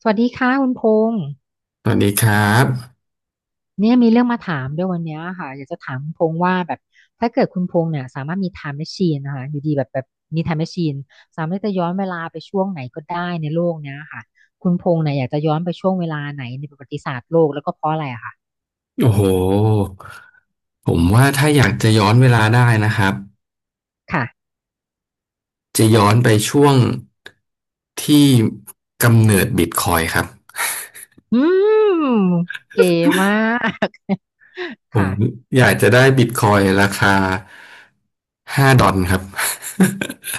สวัสดีค่ะคุณพงษ์สวัสดีครับเนี่ยมีเรื่องมาถามด้วยวันเนี้ยค่ะอยากจะถามคุณพงษ์ว่าแบบถ้าเกิดคุณพงษ์เนี่ยสามารถมีไทม์แมชชีนนะคะอยู่ดีแบบมีไทม์แมชชีนสามารถจะย้อนเวลาไปช่วงไหนก็ได้ในโลกเนี้ยค่ะคุณพงษ์เนี่ยอยากจะย้อนไปช่วงเวลาไหนในประวัติศาสตร์โลกแล้วก็เพราะอะไรอะค่ะโอ้โหผมว่าถ้าอยากจะย้อนเวลาได้นะครับค่ะจะย้อนไปช่วงที่กำเนิดบิตคอยครับอืมเก๋มาก ผค่ะมอยากจะได้บิตคอยราคา5 ดอลครับ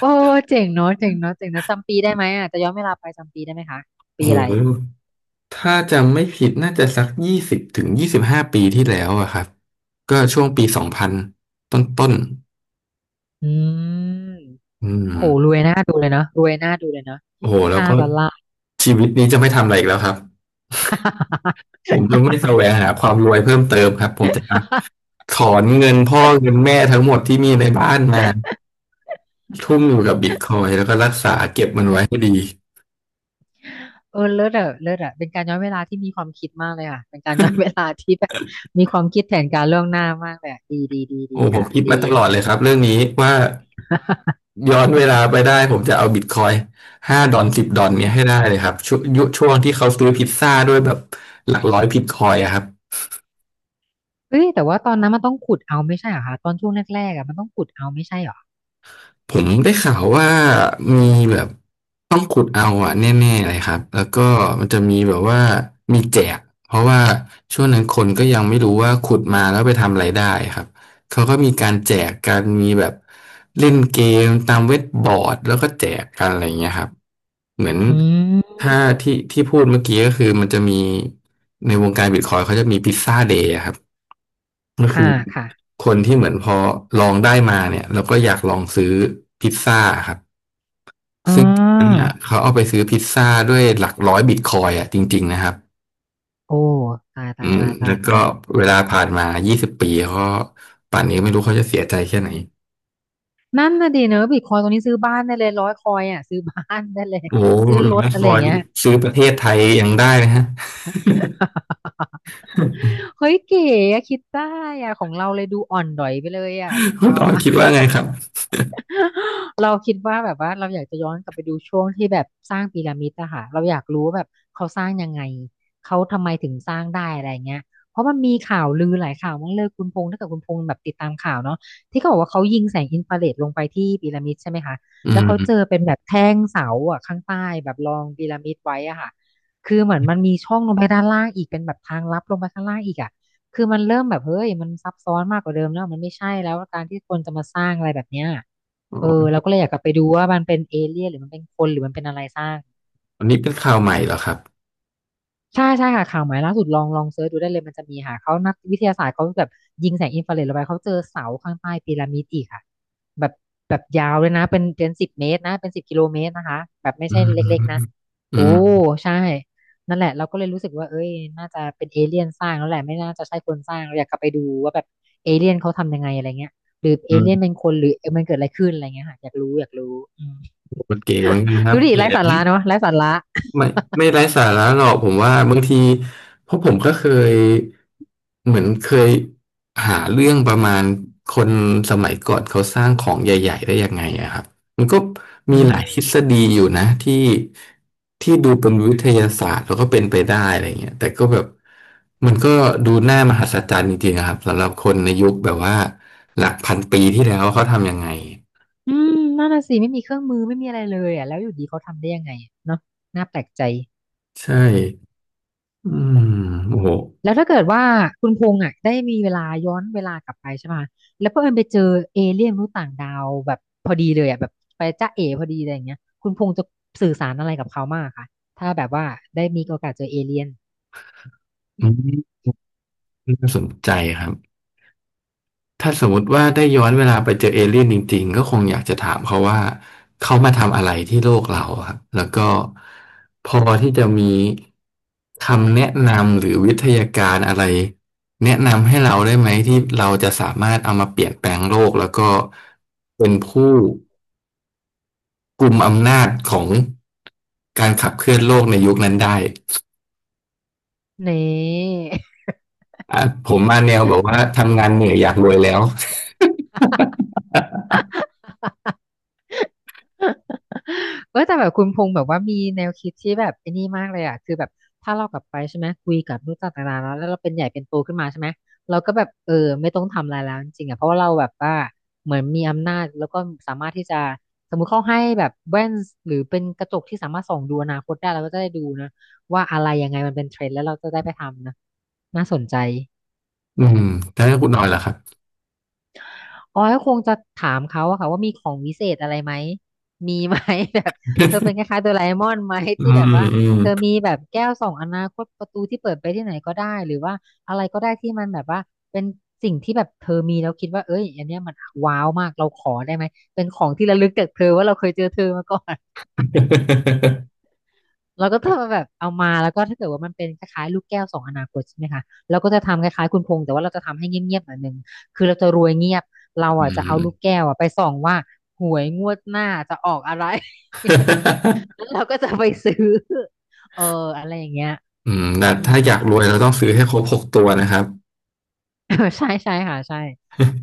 โอ้ เจ๋งเนาะเจ๋งเนาะเจ๋งเนาะจำปีได้ไหมอ่ะจะย้อนเวลาไปจำปีได้ไหมคะโอ้ปีโหอะไรถ้าจำไม่ผิดน่าจะสัก20-25 ปีที่แล้วอะครับก็ช่วงปี2000ต้นต้นๆอืม อืโหมรวยน่าดูเลยนะรวยน่าดูเลยนะโอ้โหแล้วห้าก็ดอลลาร์ ชีวิตนี้จะไม่ทำอะไรอีกแล้วครับ ผมจะไม่ แสวงหาความรวยเพิ่มเติมครับผมจะถอนเงินพ่อเงินแม่ทั้งหมดที่มีในบ้านมาทุ่มอยู่กับบิตคอยแล้วก็รักษาเก็บมันไว้ให้ดีเออเลิศอะเลิศอะเป็นการย้อนเวลาที่มีความคิดมากเลยค่ะเป็นการย้อนเวลาที่แบบมีความคิดแผนการล่วงหน้ามากเลยอะดีดีดีดีโอ้ผมค่ะคิดดี มาตลอดเลยครับเรื่องนี้ว่า ย้อนเวลาไปได้ผมจะเอาบิตคอย5 ดอน 10 ดอนเนี้ยให้ได้เลยครับช่วงยุคช่วงที่เขาซื้อพิซซ่าด้วยแบบหลักร้อยบิตคอยอะครับ เฮ้ยแต่ว่าตอนนั้นมันต้องขุดเอาไม่ใช่เหรอคะตอนช่วงแรกๆอะมันต้องขุดเอาไม่ใช่เหรอผมได้ข่าวว่ามีแบบต้องขุดเอาอะแน่ๆเลยครับแล้วก็มันจะมีแบบว่ามีแจกเพราะว่าช่วงนั้นคนก็ยังไม่รู้ว่าขุดมาแล้วไปทำอะไรได้ครับเขาก็มีการแจกกันมีแบบเล่นเกมตามเว็บบอร์ดแล้วก็แจกกันอะไรอย่างเงี้ยครับเหมือนอืมถ้าที่ที่พูดเมื่อกี้ก็คือมันจะมีในวงการบิตคอยเขาจะมีพิซซ่าเดย์ครับ ก็อ่าคือค่ะคนที่เหมือนพอลองได้มาเนี่ยแล้วก็อยากลองซื้อพิซซ่าครับอ่ซึ่งเนี่ายเขาเอาไปซื้อพิซซ่าด้วยหลัก100 บิตคอยน์อ่ะจริงๆนะครับโอ้ตายอืตายมตายตาแล้ยวก็ตายเวลาผ่านมา20 ปีเขาป่านนี้ไม่รู้เขาจะเสียใจแค่ไหนนั่นน่ะดีเนอะบิตคอยตัวนี้ซื้อบ้านได้เลยร้อยคอยอะซื้อบ้านได้เลยโอ้โหร้ซื้ออยรถอะคไรออย่ายงน์เงี้ย ซื้อประเทศไทยยังได้นะฮะ เฮ้ยเก๋อะคิดได้อะของเราเลยดูอ่อนด๋อยไปเลยอะของคุณเราตอนอะ คิดว่าไงครับ เราคิดว่าแบบว่าเราอยากจะย้อนกลับไปดูช่วงที่แบบสร้างพีระมิดอะค่ะเราอยากรู้ว่าแบบเขาสร้างยังไงเขาทำไมถึงสร้างได้อะไรเงี้ยเพราะมันมีข่าวลือหลายข่าวมากเลยคุณพงษ์ถ้าเกิดคุณพงษ์แบบติดตามข่าวเนาะที่เขาบอกว่าเขายิงแสงอินฟราเรดลงไปที่พีระมิดใช่ไหมคะอืแล้วเขามเจอเป็นแบบแท่งเสาอะข้างใต้แบบรองพีระมิดไว้อะค่ะคือเหมือนมันมีช่องลงไปด้านล่างอีกเป็นแบบทางลับลงไปข้างล่างอีกอะคือมันเริ่มแบบเฮ้ยมันซับซ้อนมากกว่าเดิมแล้วมันไม่ใช่แล้วการที่คนจะมาสร้างอะไรแบบเนี้ย โอ้เออเรานี่ก็เลยอยากกลับไปดูว่ามันเป็นเอเลี่ยนหรือมันเป็นคนหรือมันเป็นอะไรสร้างอันนี้เป็นข่าวใหม่เหรอครับใช่ใช่ค่ะข่าวใหม่ล่าสุดลองลองเซิร์ชดูได้เลยมันจะมีค่ะเขานักวิทยาศาสตร์เขาแบบยิงแสงอินฟราเรดลงไปเขาเจอเสาข้างใต้พีระมิดอีกค่ะแบบแบบยาวเลยนะเป็น10 เมตรนะเป็น10 กิโลเมตรนะคะแบบไม่อืใช่มเล็กๆนะอืโอ้มใช่นั่นแหละเราก็เลยรู้สึกว่าเอ้ยน่าจะเป็นเอเลี่ยนสร้างแล้วแหละไม่น่าจะใช่คนสร้างเราอยากกลับไปดูว่าแบบเอเลี่ยนเขาทำยังไงอะไรเงี้ยหรือเออืเลี่ยนมเป็นคนหรือมันเกิดอะไรขึ้นอะไรเงี้ยค่ะอยากรู้อยากรู้อืม โอเคเหมือนกันค รัดูบดิเกลีไร้ยดสานี่ ระเนาะไร้สาระไม่ไม่ไร้สาระหรอกผมว่าบางทีเพราะผมก็เคยเหมือนเคยหาเรื่องประมาณคนสมัยก่อนเขาสร้างของใหญ่ๆได้ยังไงอะครับมันก็อืมีหลายทฤมษฎีอยู่นะที่ที่ดูเป็นวิทยาศาสตร์แล้วก็เป็นไปได้อะไรเงี้ยแต่ก็แบบมันก็ดูน่ามหัศจรรย์จริงๆนะครับสำหรับคนในยุคแบบว่าหลักพันปีที่แล้วเขาทำยังไงอืมนั่นน่ะสิไม่มีเครื่องมือไม่มีอะไรเลยอ่ะแล้วอยู่ดีเขาทำได้ยังไงอะเนาะน่าแปลกใจใช่อืมโอ้โหแล้วถ้าเกิดว่าคุณพงษ์อ่ะได้มีเวลาย้อนเวลากลับไปใช่ไหมแล้วเพื่อนไปเจอเอเลี่ยนมนุษย์ต่างดาวแบบพอดีเลยอ่ะแบบไปจ้าเอ๋พอดีอะไรอย่างเงี้ยคุณพงษ์จะสื่อสารอะไรกับเขามากค่ะถ้าแบบว่าได้มีโอกาสเจอเอเลี่ยนอืมน่าสนใจครับ ถ้าสมมติว่าได้ย้อนเวลาไปเจอเอเลี่ยนจริงๆก็คงอยากจะถามเขาว่าเขามาทำอะไรที่โลกเราครับแล้วก็พอที่จะมีคำแนะนำหรือวิทยาการอะไรแนะนำให้เราได้ไหมที่เราจะสามารถเอามาเปลี่ยนแปลงโลกแล้วก็เป็นผู้กุมอำนาจของการขับเคลื่อนโลกในยุคนั้นได้เน่ อ่ะผมมาแนวแบบว่าทำงานเหนื่อยอยากรวยแล้ว เออแต่แบบคุณพงษ์แบบว่ามีแนวคิดที่แบบไอ้นี่มากเลยอ่ะคือแบบถ้าเรากลับไปใช่ไหมคุยกับลูกต่างๆแล้วเราเป็นใหญ่เป็นโตขึ้นมาใช่ไหมเราก็แบบเออไม่ต้องทำอะไรแล้วจริงๆอ่ะเพราะว่าเราแบบว่าเหมือนมีอำนาจแล้วก็สามารถที่จะสมมุติเขาให้แบบแว่นหรือเป็นกระจกที่สามารถส่องดูอนาคตได้เราก็จะได้ดูนะว่าอะไรยังไงมันเป็นเทรนด์แล้วเราจะได้ไปทำนะน่าสนใจ อืมแล้วคุณนอยล่ะครับอ๋อก็คงจะถามเขาอะค่ะว่ามีของวิเศษอะไรไหมมีไหม แบบเธอเป็นคล้ายๆโดราเอมอนไหมอืที่มแบบว่าอืม เธอมีแบบแก้วส่องอนาคตประตูที่เปิดไปที่ไหนก็ได้หรือว่าอะไรก็ได้ที่มันแบบว่าเป็นสิ่งที่แบบเธอมีแล้วคิดว่าเอ้ยอันเนี้ยมันว้าวมากเราขอได้ไหมเป็นของที่ระลึกจากเธอว่าเราเคยเจอเธอมาก่อน เราก็จะแบบเอามาแล้วก็ถ้าเกิดว่ามันเป็นคล้ายๆลูกแก้วสองอนาคตใช่ไหมคะเราก็จะทำคล้ายๆคุณพงษ์แต่ว่าเราจะทำให้เงียบๆหน่อยนึงคือเราจะรวยเงียบเราอือ่ะจะเอาม ลูกแก้วอ่ะไปส่องว่าหวยงวดหน้าจะออกอะไร แล้ว เราก็จะไปซื้อเอออะไรอย่างเงี้ยอืมแต่อืม ถ้าอยากรวยเราต้องซื้อให้ครบหกตัวนะครับ ใช่ใช่ค่ะใช่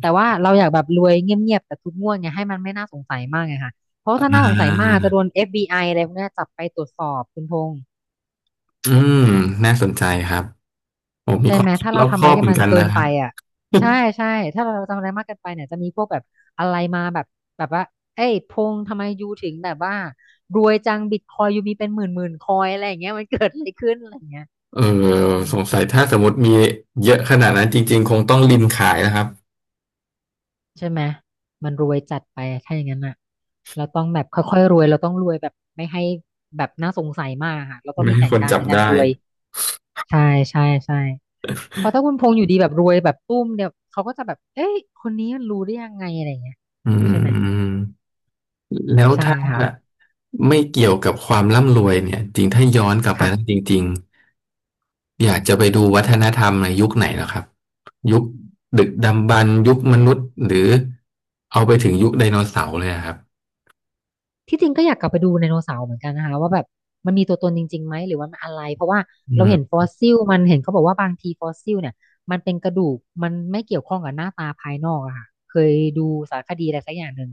แต่ว่าเราอยากแบบรวยเงียบๆแต่ทุกงวดเนี่ยให้มันไม่น่าสงสัยมากไงค่ะเพราะอ่ถ้าน่าสงสัยมากาจะโดน FBI อฟบีไออะไรพวกเนี้ยจับไปตรวจสอบคุณพงษ์ อืมน่าสนใจครับผมมีใช่ควาไหมมคิดถ้ารเราอบทำคอะอไรบเหที่มือนมันกันเกินะนคไปรับ อ่ะใช่ ใช่ถ้าเราทำอะไรมากเกินไปเนี่ยจะมีพวกแบบอะไรมาแบบแบบว่าเอ้ยพงษ์ทำไมยูถึงแบบว่ารวยจังบิตคอยยูมีเป็นหมื่นหมื่นคอยอะไรอย่างเงี้ยมันเกิดอะไรขึ้นอะไรอย่างเงี้ยเอออืมสงสัยถ้าสมมติมีเยอะขนาดนั้นจริงๆ คงต้องริมขายนะครับ ใช่ไหมมันรวยจัดไปอะถ้าอย่างนั้นอ่ะเราต้องแบบค่อยๆรวยเราต้องรวยแบบไม่ให้แบบน่าสงสัยมากอะค่ะเราต้องไม่มีให้แผคนนการจับในการได้รวยใช่ใช่ใช่เพราะถ้าคุณพงษ์อยู่ดีแบบรวยแบบตุ้มเดียวเขาก็จะแบบเอ้ยคนนี้มันรู้ได้ยังไงอะไรอย่างเงี้ยอืใช่ไหม มแล้วใช่ถ้าค่ะไม่เกี่ยวกับความร่ำรวยเนี่ยจริงถ้าย้อนกลับไปค่ะ แล้วจริงๆ อยากจะไปดูวัฒนธรรมในยุคไหนเหรอครับยุคดึกดำบรรพ์ยุคมนุษย์หรือเอาไปถึงยุคไดโนเสาร์เลยอะครับที่จริงก็อยากกลับไปดูไดโนเสาร์เหมือนกันนะคะว่าแบบมันมีตัวตนจริงๆไหมหรือว่ามันอะไร เพราะว่าอืเราเห็นฟมอสซิลมันเห็นเขาบอกว่าบางทีฟอสซิลเนี่ยมันเป็นกระดูกมันไม่เกี่ยวข้องกับหน้าตาภายนอกอะค่ะเคยดูสารคดีอะไรสักอย่างหนึ่ง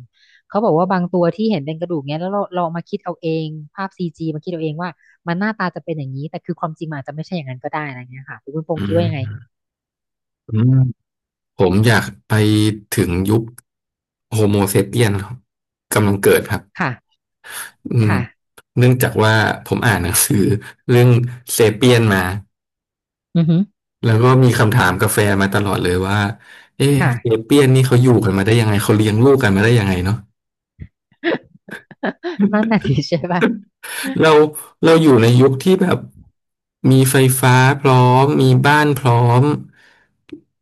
เขาบอกว่าบางตัวที่เห็นเป็นกระดูกเนี้ยแล้วเราเอามาคิดเอาเองภาพซีจีมาคิดเอาเองว่ามันหน้าตาจะเป็นอย่างนี้แต่คือความจริงมันอาจจะไม่ใช่อย่างนั้นก็ได้อะไรเงี้ยค่ะคุณพอืงษ์คิดมว่ายังไงอืมผมอยากไปถึงยุคโฮโมเซเปียนครับกำลังเกิดครับค่ะอืมค่ะเนื่องจากว่าผมอ่านหนังสือเรื่องเซเปียนมาอือฮึแล้วก็มีคำถามกับแฟนมาตลอดเลยว่าเอ๊ะค่ะ เซเปียนนี่เขาอยู่กันมาได้ยังไงเขาเลี้ยงลูกกันมาได้ยังไงเนาะ นั่นน่ะสิใช่ป่ะ เราเราอยู่ในยุคที่แบบมีไฟฟ้าพร้อมมีบ้านพร้อม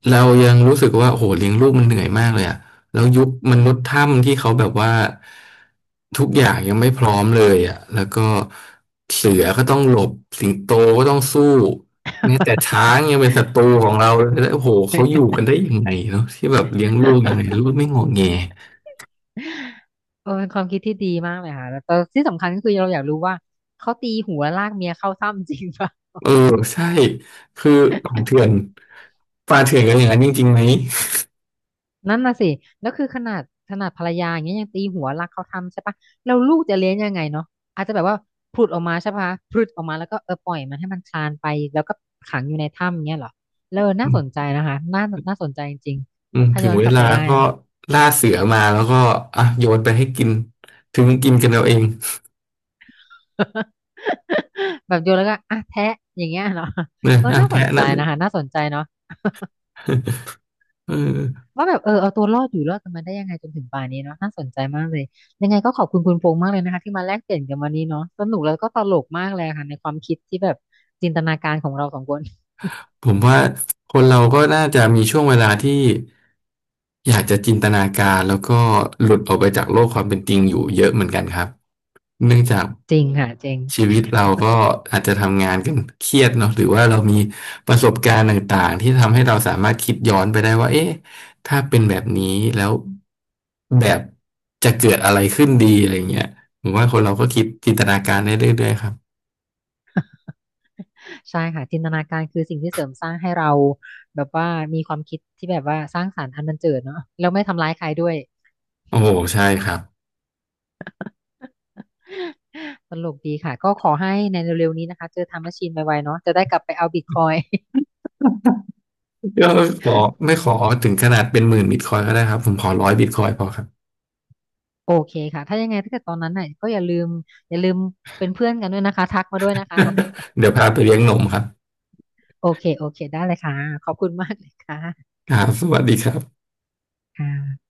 เรายังรู้สึกว่าโอ้โหเลี้ยงลูกมันเหนื่อยมากเลยอะแล้วยุคมนุษย์ถ้ำที่เขาแบบว่าทุกอย่างยังไม่พร้อมเลยอะแล้วก็เสือก็ต้องหลบสิงโตก็ต้องสู้แม้แต่ช้างยังเป็นศัตรูของเราเลยแล้วโอ้โหเขาอยู่กันได้ ยังไงเนาะที่แบบเลี้ยงลูกยังไงลูกไม่งอแง เออเป็นความคิดที่ดีมากเลยค่ะแล้วแต่ที่สำคัญก็คือเราอยากรู้ว่าเขาตีหัวลากเมียเข้าถ้ำจริงปะ เออใช่คือป่า เถื่อนป่าเถื่อนกันอย่างนั้นจริงๆไหมนั่นน่ะสิแล้วคือขนาดขนาดภรรยาอย่างเงี้ยยังตีหัวลากเข้าถ้ำใช่ปะเราลูกจะเลี้ยงยังไงเนาะอาจจะแบบว่าผุดออกมาใช่ปะผุดออกมาแล้วก็เออปล่อยมันให้มันคลานไปแล้วก็ขังอยู่ในถ้ำเงี้ยเหรอเออน่าสนใจนะคะน่าน่าสนใจจริงอืมๆถ้าถึย้งอนเวกลับลาไปได้ก็เนาะ ล่าเสือมาแล้วก็อ่ะโยนไปให้กินถึงกินกันเอาเอง แบบโยนแล้วก็อ่ะแทะอย่างเงี้ยเหรอเนอะเอออ่ะน่าสนแพะใจนะลูก นะคะน่าสนใจเนาะ เออว่าแบบเออเอาตัวรอดอยู่รอดกันมาได้ยังไงจนถึงป่านนี้เนาะน่าสนใจมากเลยยังไงก็ขอบคุณคุณพงษ์มากเลยนะคะที่มาแลกเปลี่ยนกันวันนี้เนาะสนุกแล้วก็ตลกมากเลยค่ะในความคิดที่แบบจินตนาการของเราสองคน ผมว่าคนเราก็น่าจะมีช่วงเวลาที่อยากจะจินตนาการแล้วก็หลุดออกไปจากโลกความเป็นจริงอยู่เยอะเหมือนกันครับเนื่องจาก จริงค่ะจริงชีวิตเราก็อาจจะทำงานกันเครียดเนาะหรือว่าเรามีประสบการณ์ต่างๆที่ทำให้เราสามารถคิดย้อนไปได้ว่าเอ๊ะถ้าเป็นแบบนี้แล้วแบบจะเกิดอะไรขึ้นดีอะไรเงี้ยผมว่าคนเราก็คิดจินตนาการได้เรื่อยๆครับใช่ค่ะจินตนาการคือสิ่งที่เสริมสร้างให้เราแบบว่ามีความคิดที่แบบว่าสร้างสรรค์อันบันเจิดเนาะแล้วไม่ทำร้ายใครด้วย โอ้โหใช่ครับ ตลกดีค่ะก็ขอให้ในเร็วๆนี้นะคะเจอทำแมชชีนไวๆเนาะจะได้กลับไปเอาบิตคอย ก็ขอไม่ขอถึงขนาดเป็น10,000 บิตคอยก็ได้ครับผมขอร้อยบิตคอยพอครับ โอเคค่ะถ้ายังไงถ้าเกิดตอนนั้นน่ะก็อย่าลืมอย่าลืมเป็นเพื่อนกันด้วยนะคะทักมาด้วยนะคะ เดี๋ยวพาไปเลี้ยงนมครับโอเค โอเค ได้เลยค่ะ ขอบคุณมากเลยค่ะครับสวัสดีครับค่ะ